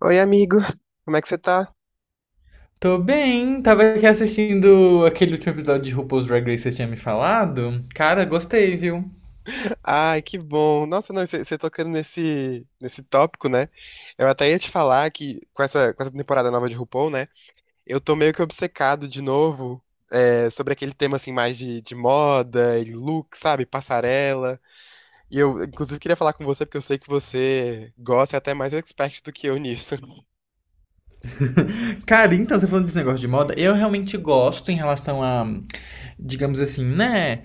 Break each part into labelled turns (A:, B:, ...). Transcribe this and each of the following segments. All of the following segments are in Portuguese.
A: Oi, amigo. Como é que você tá?
B: Tô bem, tava aqui assistindo aquele último episódio de RuPaul's Drag Race que você tinha me falado. Cara, gostei, viu?
A: Ai, que bom. Nossa, não, você tocando nesse tópico, né? Eu até ia te falar que com essa temporada nova de RuPaul, né? Eu tô meio que obcecado de novo sobre aquele tema, assim, mais de moda e look, sabe? Passarela. E eu, inclusive, queria falar com você porque eu sei que você gosta e é até mais expert do que eu nisso.
B: Cara, então, você falando desse negócio de moda, eu realmente gosto em relação a, digamos assim, né?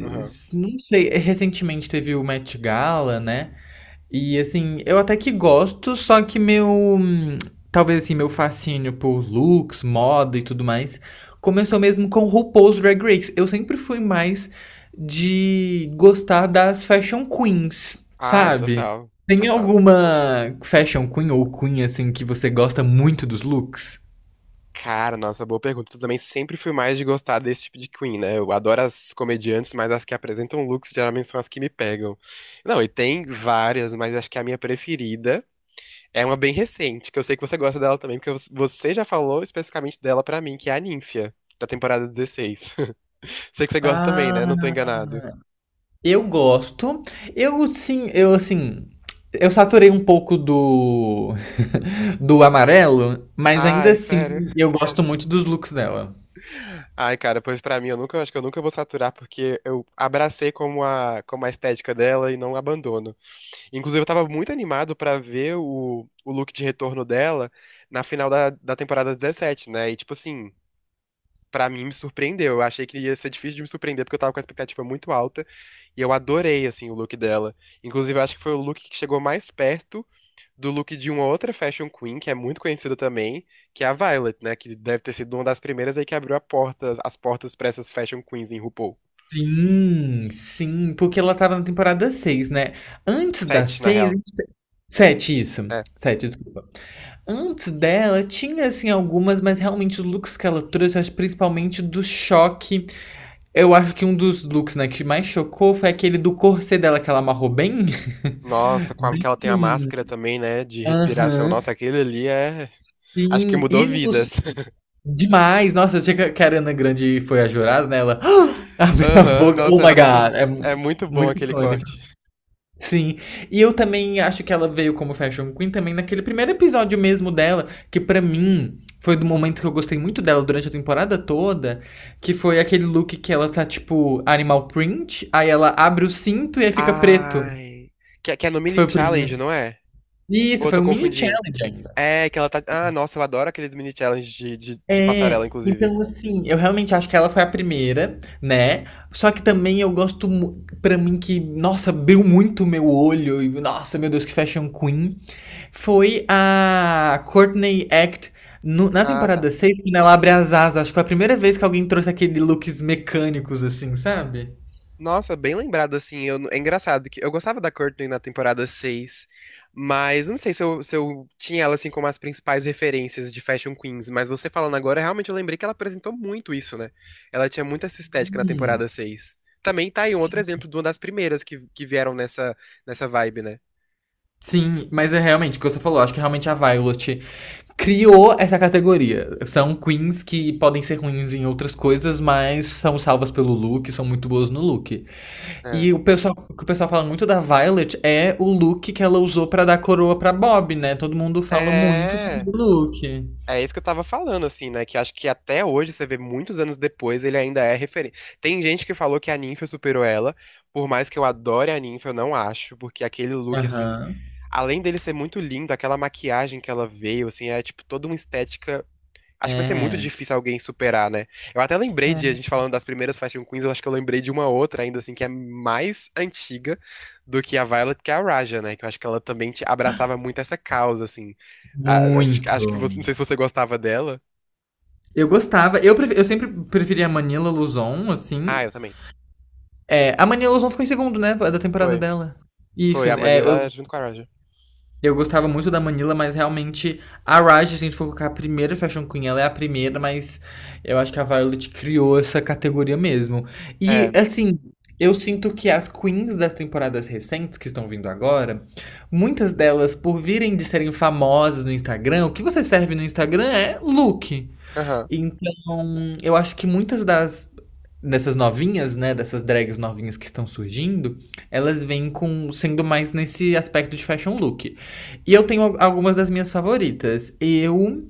A: Aham.
B: Não sei, recentemente teve o Met Gala, né? E assim, eu até que gosto, só que meu. Hum, Talvez assim, meu fascínio por looks, moda e tudo mais começou mesmo com RuPaul's Drag Race. Eu sempre fui mais de gostar das fashion queens,
A: Ai,
B: sabe?
A: total.
B: Tem
A: Total.
B: alguma fashion queen ou queen assim que você gosta muito dos looks?
A: Cara, nossa, boa pergunta. Eu também sempre fui mais de gostar desse tipo de Queen, né? Eu adoro as comediantes, mas as que apresentam looks geralmente são as que me pegam. Não, e tem várias, mas acho que a minha preferida é uma bem recente, que eu sei que você gosta dela também, porque você já falou especificamente dela pra mim, que é a Nymphia, da temporada 16. Sei que você gosta também, né? Não tô
B: Ah,
A: enganado.
B: eu gosto. Eu sim, eu saturei um pouco do do amarelo, mas ainda
A: Ai,
B: assim
A: sério.
B: eu gosto muito dos looks dela.
A: Ai, cara, pois pra mim eu nunca, acho que eu nunca vou saturar porque eu abracei como a estética dela e não abandono. Inclusive, eu tava muito animado pra ver o look de retorno dela na final da temporada 17, né? E, tipo assim, pra mim me surpreendeu. Eu achei que ia ser difícil de me surpreender, porque eu tava com a expectativa muito alta. E eu adorei, assim, o look dela. Inclusive, eu acho que foi o look que chegou mais perto do look de uma outra fashion queen, que é muito conhecida também, que é a Violet, né? Que deve ter sido uma das primeiras aí que abriu a porta, as portas pra essas fashion queens em RuPaul.
B: Sim, sim, porque ela tava na temporada 6, né? Antes da
A: Sete, na
B: 6,
A: real.
B: 7 isso.
A: É.
B: Sete, desculpa. Antes dela, tinha assim algumas, mas realmente os looks que ela trouxe, eu acho principalmente do choque. Eu acho que um dos looks, né, que mais chocou foi aquele do corset dela que ela amarrou bem.
A: Nossa, com a- que
B: Bem.
A: ela tem a máscara também, né, de respiração.
B: Aham.
A: Nossa, aquele ali é, acho que
B: Sim.
A: mudou vidas.
B: Demais. Nossa, achei que a Ariana Grande foi a jurada, né? Ela abriu a
A: Aham,
B: boca. Oh
A: nossa,
B: my God.
A: é muito bom
B: Muito
A: aquele
B: icônico.
A: corte.
B: Sim, e eu também acho que ela veio como Fashion Queen também naquele primeiro episódio mesmo dela, que pra mim foi do momento que eu gostei muito dela durante a temporada toda, que foi aquele look que ela tá tipo animal print, aí ela abre o cinto e aí fica preto,
A: Ai, que é no
B: que
A: mini
B: foi o primeiro.
A: challenge, não é? Ou
B: Isso,
A: eu
B: foi
A: tô
B: um mini
A: confundindo?
B: challenge.
A: É que ela tá. Ah, nossa, eu adoro aqueles mini challenges de
B: É,
A: passarela, inclusive.
B: então assim, eu realmente acho que ela foi a primeira, né? Só que também eu pra mim que, nossa, abriu muito o meu olho e nossa, meu Deus, que fashion queen, foi a Courtney Act na
A: Ah, tá.
B: temporada 6, quando ela abre as asas, acho que foi a primeira vez que alguém trouxe aquele looks mecânicos assim, sabe?
A: Nossa, bem lembrado, assim, eu, é engraçado que eu gostava da Courtney na temporada 6, mas não sei se eu tinha ela, assim, como as principais referências de Fashion Queens, mas você falando agora, realmente eu lembrei que ela apresentou muito isso, né? Ela tinha muito essa estética na
B: Hum.
A: temporada 6. Também tá aí um outro exemplo de uma das primeiras que vieram nessa vibe, né?
B: Sim, mas é realmente o que você falou. Acho que realmente a Violet criou essa categoria. São queens que podem ser ruins em outras coisas, mas são salvas pelo look, são muito boas no look.
A: É.
B: E o pessoal, o que o pessoal fala muito da Violet é o look que ela usou pra dar coroa pra Bob, né? Todo mundo fala muito
A: É.
B: do look.
A: É isso que eu tava falando, assim, né? Que acho que até hoje, você vê muitos anos depois, ele ainda é referente. Tem gente que falou que a Ninfa superou ela, por mais que eu adore a Ninfa, eu não acho, porque aquele look, assim,
B: Aham.
A: além dele ser muito lindo, aquela maquiagem que ela veio, assim, é tipo toda uma estética. Acho que vai ser muito
B: É.
A: difícil alguém superar, né? Eu até lembrei de a
B: É.
A: gente falando das primeiras Fashion Queens, eu acho que eu lembrei de uma outra ainda, assim, que é mais antiga do que a Violet, que é a Raja, né? Que eu acho que ela também te abraçava muito essa causa, assim. Acho que
B: Muito.
A: você, não sei se você gostava dela.
B: Eu gostava. Eu sempre preferia a Manila Luzon, assim.
A: Ah, eu também.
B: É, a Manila Luzon ficou em segundo, né? Da temporada
A: Foi.
B: dela. Isso,
A: Foi a
B: é, eu
A: Manila junto com a Roger.
B: Eu gostava muito da Manila, mas realmente a Raj, se a gente for colocar a primeira Fashion Queen, ela é a primeira, mas eu acho que a Violet criou essa categoria mesmo. E
A: É.
B: assim, eu sinto que as queens das temporadas recentes que estão vindo agora, muitas delas, por virem de serem famosas no Instagram, o que você serve no Instagram é look.
A: Aham.
B: Então, eu acho que muitas das dessas novinhas, né, dessas drags novinhas que estão surgindo, elas vêm com sendo mais nesse aspecto de fashion look. E eu tenho algumas das minhas favoritas. Eu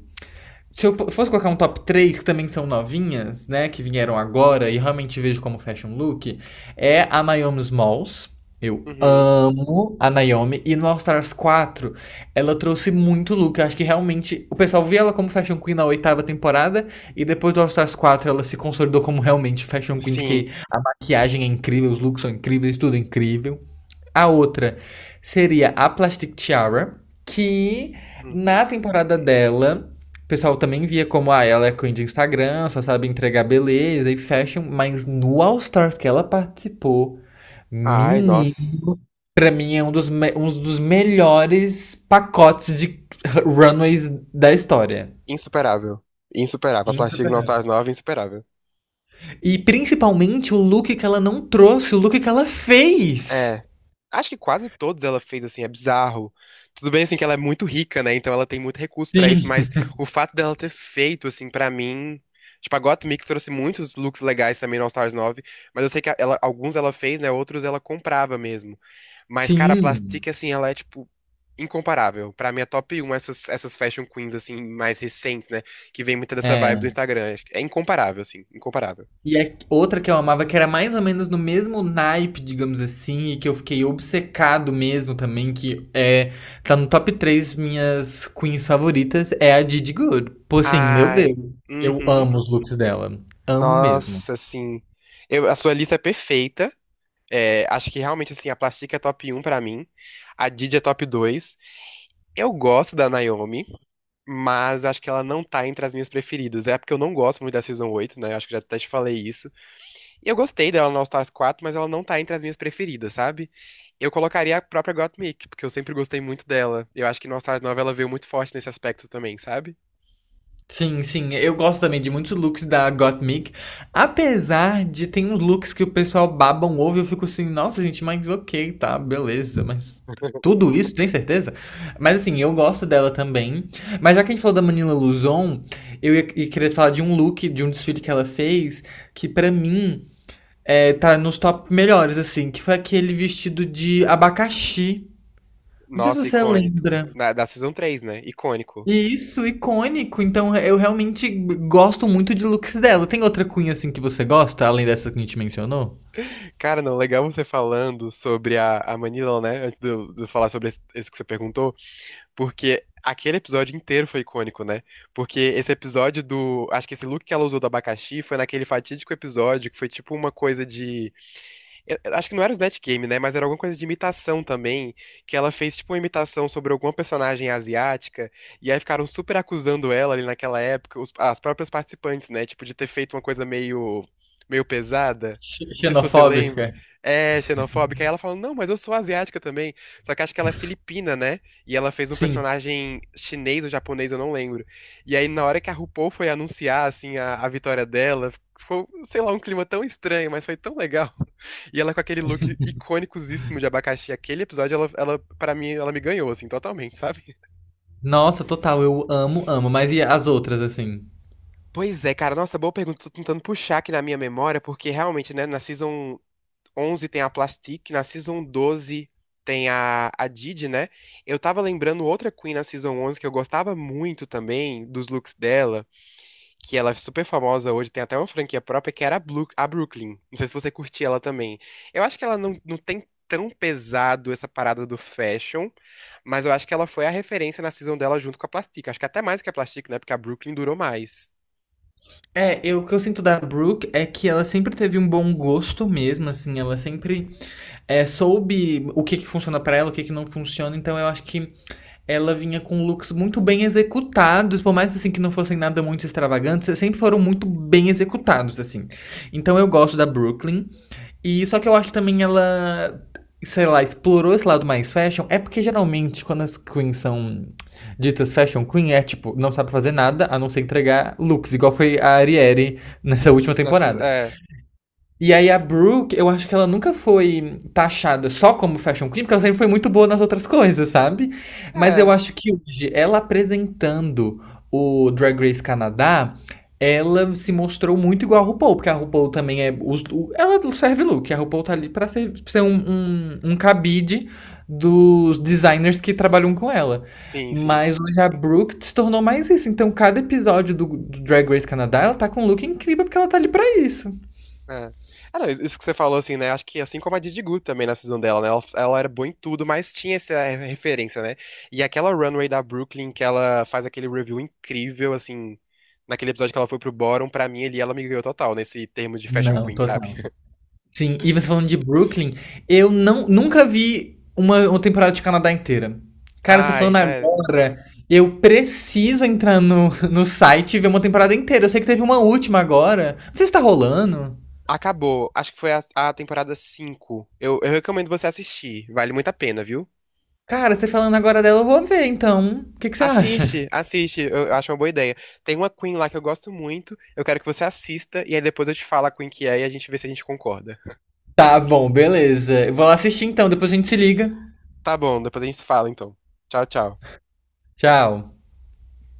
B: Se eu fosse colocar um top 3 que também são novinhas, né, que vieram agora e realmente vejo como fashion look, é a Naomi Smalls. Eu
A: Uhum.
B: amo a Naomi e no All Stars 4, ela trouxe muito look. Eu acho que realmente o pessoal via ela como Fashion Queen na oitava temporada e depois do All Stars 4 ela se consolidou como realmente Fashion Queen, porque
A: Sim.
B: maquiagem é incrível, os looks são incríveis, tudo é incrível. A outra seria a Plastic Tiara, que
A: Uhum.
B: na temporada dela, o pessoal também via como ah, ela é queen de Instagram, só sabe entregar beleza e fashion, mas no All Stars que ela participou,
A: Ai, nossa.
B: menino, pra mim é um dos melhores pacotes de runways da história.
A: Insuperável. Insuperável. A Plastic
B: Insuperável.
A: Nostalgia Nova, insuperável.
B: E principalmente o look que ela não trouxe, o look que ela fez.
A: É. Acho que quase todos ela fez, assim, é bizarro. Tudo bem, assim, que ela é muito rica, né? Então ela tem muito recurso pra isso,
B: Sim.
A: mas o fato dela ter feito, assim, pra mim. Tipo, a Gottmik trouxe muitos looks legais também no All Stars 9, mas eu sei que ela, alguns ela fez, né? Outros ela comprava mesmo. Mas, cara, a
B: Sim,
A: Plastic, assim, ela é, tipo, incomparável. Pra mim é top um essas fashion queens, assim, mais recentes, né? Que vem muita dessa vibe do
B: é.
A: Instagram. É incomparável, assim. Incomparável.
B: E a outra que eu amava, que era mais ou menos no mesmo naipe, digamos assim, e que eu fiquei obcecado mesmo também, que é, tá no top 3 minhas queens favoritas, é a Didi Good. Pô, assim, meu Deus,
A: Ai.
B: eu
A: Uhum.
B: amo os looks dela. Amo mesmo.
A: Nossa, assim. Eu, a sua lista é perfeita. É, acho que realmente, assim, a Plastica é top um pra mim. A Didi é top dois. Eu gosto da Naomi, mas acho que ela não tá entre as minhas preferidas. É porque eu não gosto muito da Season oito, né? Acho que já até te falei isso. Eu gostei dela no All Stars quatro, mas ela não tá entre as minhas preferidas, sabe? Eu colocaria a própria Gottmik, porque eu sempre gostei muito dela. Eu acho que no All Stars 9 ela veio muito forte nesse aspecto também, sabe?
B: Sim, sim. Eu gosto também de muitos looks da Gottmik. Apesar de tem uns looks que o pessoal baba um ovo, e eu fico assim, nossa, gente, mas ok, tá, beleza, mas. Tudo isso, tem certeza? Mas assim, eu gosto dela também. Mas já que a gente falou da Manila Luzon, eu ia querer falar de um look, de um desfile que ela fez, que pra mim é, tá nos top melhores, assim, que foi aquele vestido de abacaxi. Não sei se
A: Nossa,
B: você
A: icônico.
B: lembra.
A: Da Season três, né? Icônico.
B: Isso, icônico. Então eu realmente gosto muito de looks dela. Tem outra cunha assim que você gosta, além dessa que a gente mencionou?
A: Cara, não, legal você falando sobre a Manila, né? Antes de eu falar sobre esse que você perguntou, porque aquele episódio inteiro foi icônico, né? Porque esse episódio do. Acho que esse look que ela usou do abacaxi foi naquele fatídico episódio que foi tipo uma coisa de eu acho que não era Snatch Game, né? Mas era alguma coisa de imitação também, que ela fez tipo uma imitação sobre alguma personagem asiática, e aí ficaram super acusando ela ali naquela época, as próprias participantes, né? Tipo, de ter feito uma coisa meio, meio pesada.
B: Xe-
A: Não sei se você
B: Xenofóbica?
A: lembra. É, xenofóbica. Aí ela falou, não, mas eu sou asiática também. Só que acho que ela é filipina, né? E ela fez um
B: Sim.
A: personagem chinês ou japonês, eu não lembro. E aí, na hora que a RuPaul foi anunciar, assim, a vitória dela, ficou, sei lá, um clima tão estranho, mas foi tão legal. E ela com aquele look icônicosíssimo de abacaxi. Aquele episódio, pra mim, ela me ganhou, assim, totalmente, sabe?
B: Nossa, total, eu amo, amo. Mas e as outras, assim?
A: Pois é, cara. Nossa, boa pergunta. Tô tentando puxar aqui na minha memória, porque realmente, né, na Season 11 tem a Plastic, na Season 12 tem a Didi, né? Eu tava lembrando outra Queen na Season 11 que eu gostava muito também, dos looks dela. Que ela é super famosa hoje, tem até uma franquia própria, que era a, a Brooklyn. Não sei se você curtia ela também. Eu acho que ela não tem tão pesado essa parada do fashion, mas eu acho que ela foi a referência na season dela junto com a Plastic. Acho que até mais que a Plastic, né? Porque a Brooklyn durou mais.
B: É, eu, o que eu sinto da Brooke é que ela sempre teve um bom gosto mesmo, assim, ela sempre soube o que que funciona pra ela, o que que não funciona, então eu acho que ela vinha com looks muito bem executados, por mais assim que não fossem nada muito extravagantes, sempre foram muito bem executados assim. Então eu gosto da Brooklyn e só que eu acho que também ela sei lá, explorou esse lado mais fashion, é porque geralmente quando as queens são ditas fashion queen, é tipo, não sabe fazer nada a não ser entregar looks, igual foi a Ariere nessa última
A: Na season,
B: temporada.
A: é,
B: E aí a Brooke, eu acho que ela nunca foi taxada só como fashion queen, porque ela sempre foi muito boa nas outras coisas, sabe? Mas eu
A: é,
B: acho que hoje, ela apresentando o Drag Race Canadá, ela se mostrou muito igual a RuPaul, porque a RuPaul também é... ela serve look, a RuPaul tá ali pra ser, um, um, cabide dos designers que trabalham com ela.
A: sim, sim.
B: Mas hoje a Brooke se tornou mais isso. Então, cada episódio do Drag Race Canadá, ela tá com um look incrível porque ela tá ali pra isso.
A: É. Ah, não, isso que você falou, assim, né? Acho que assim como a Didi Gu também na season dela, né? Ela era boa em tudo, mas tinha essa referência, né? E aquela runway da Brooklyn que ela faz aquele review incrível, assim, naquele episódio que ela foi pro Bottom, pra mim ali ela me ganhou total nesse termo de Fashion
B: Não,
A: Queen, sabe?
B: total. Sim, e você falando de Brooklyn, eu não, nunca vi uma temporada de Canadá inteira. Cara, você
A: Ai,
B: falando
A: sério.
B: agora, eu preciso entrar no site e ver uma temporada inteira. Eu sei que teve uma última agora. Não sei se tá rolando.
A: Acabou. Acho que foi a temporada cinco. Eu recomendo você assistir. Vale muito a pena, viu?
B: Cara, você falando agora dela, eu vou ver, então. O que que você acha?
A: Assiste, assiste, eu acho uma boa ideia. Tem uma Queen lá que eu gosto muito, eu quero que você assista e aí depois eu te falo a Queen que é e a gente vê se a gente concorda.
B: Tá bom, beleza. Eu vou lá assistir então, depois a gente se liga.
A: Tá bom, depois a gente se fala então. Tchau, tchau.
B: Tchau.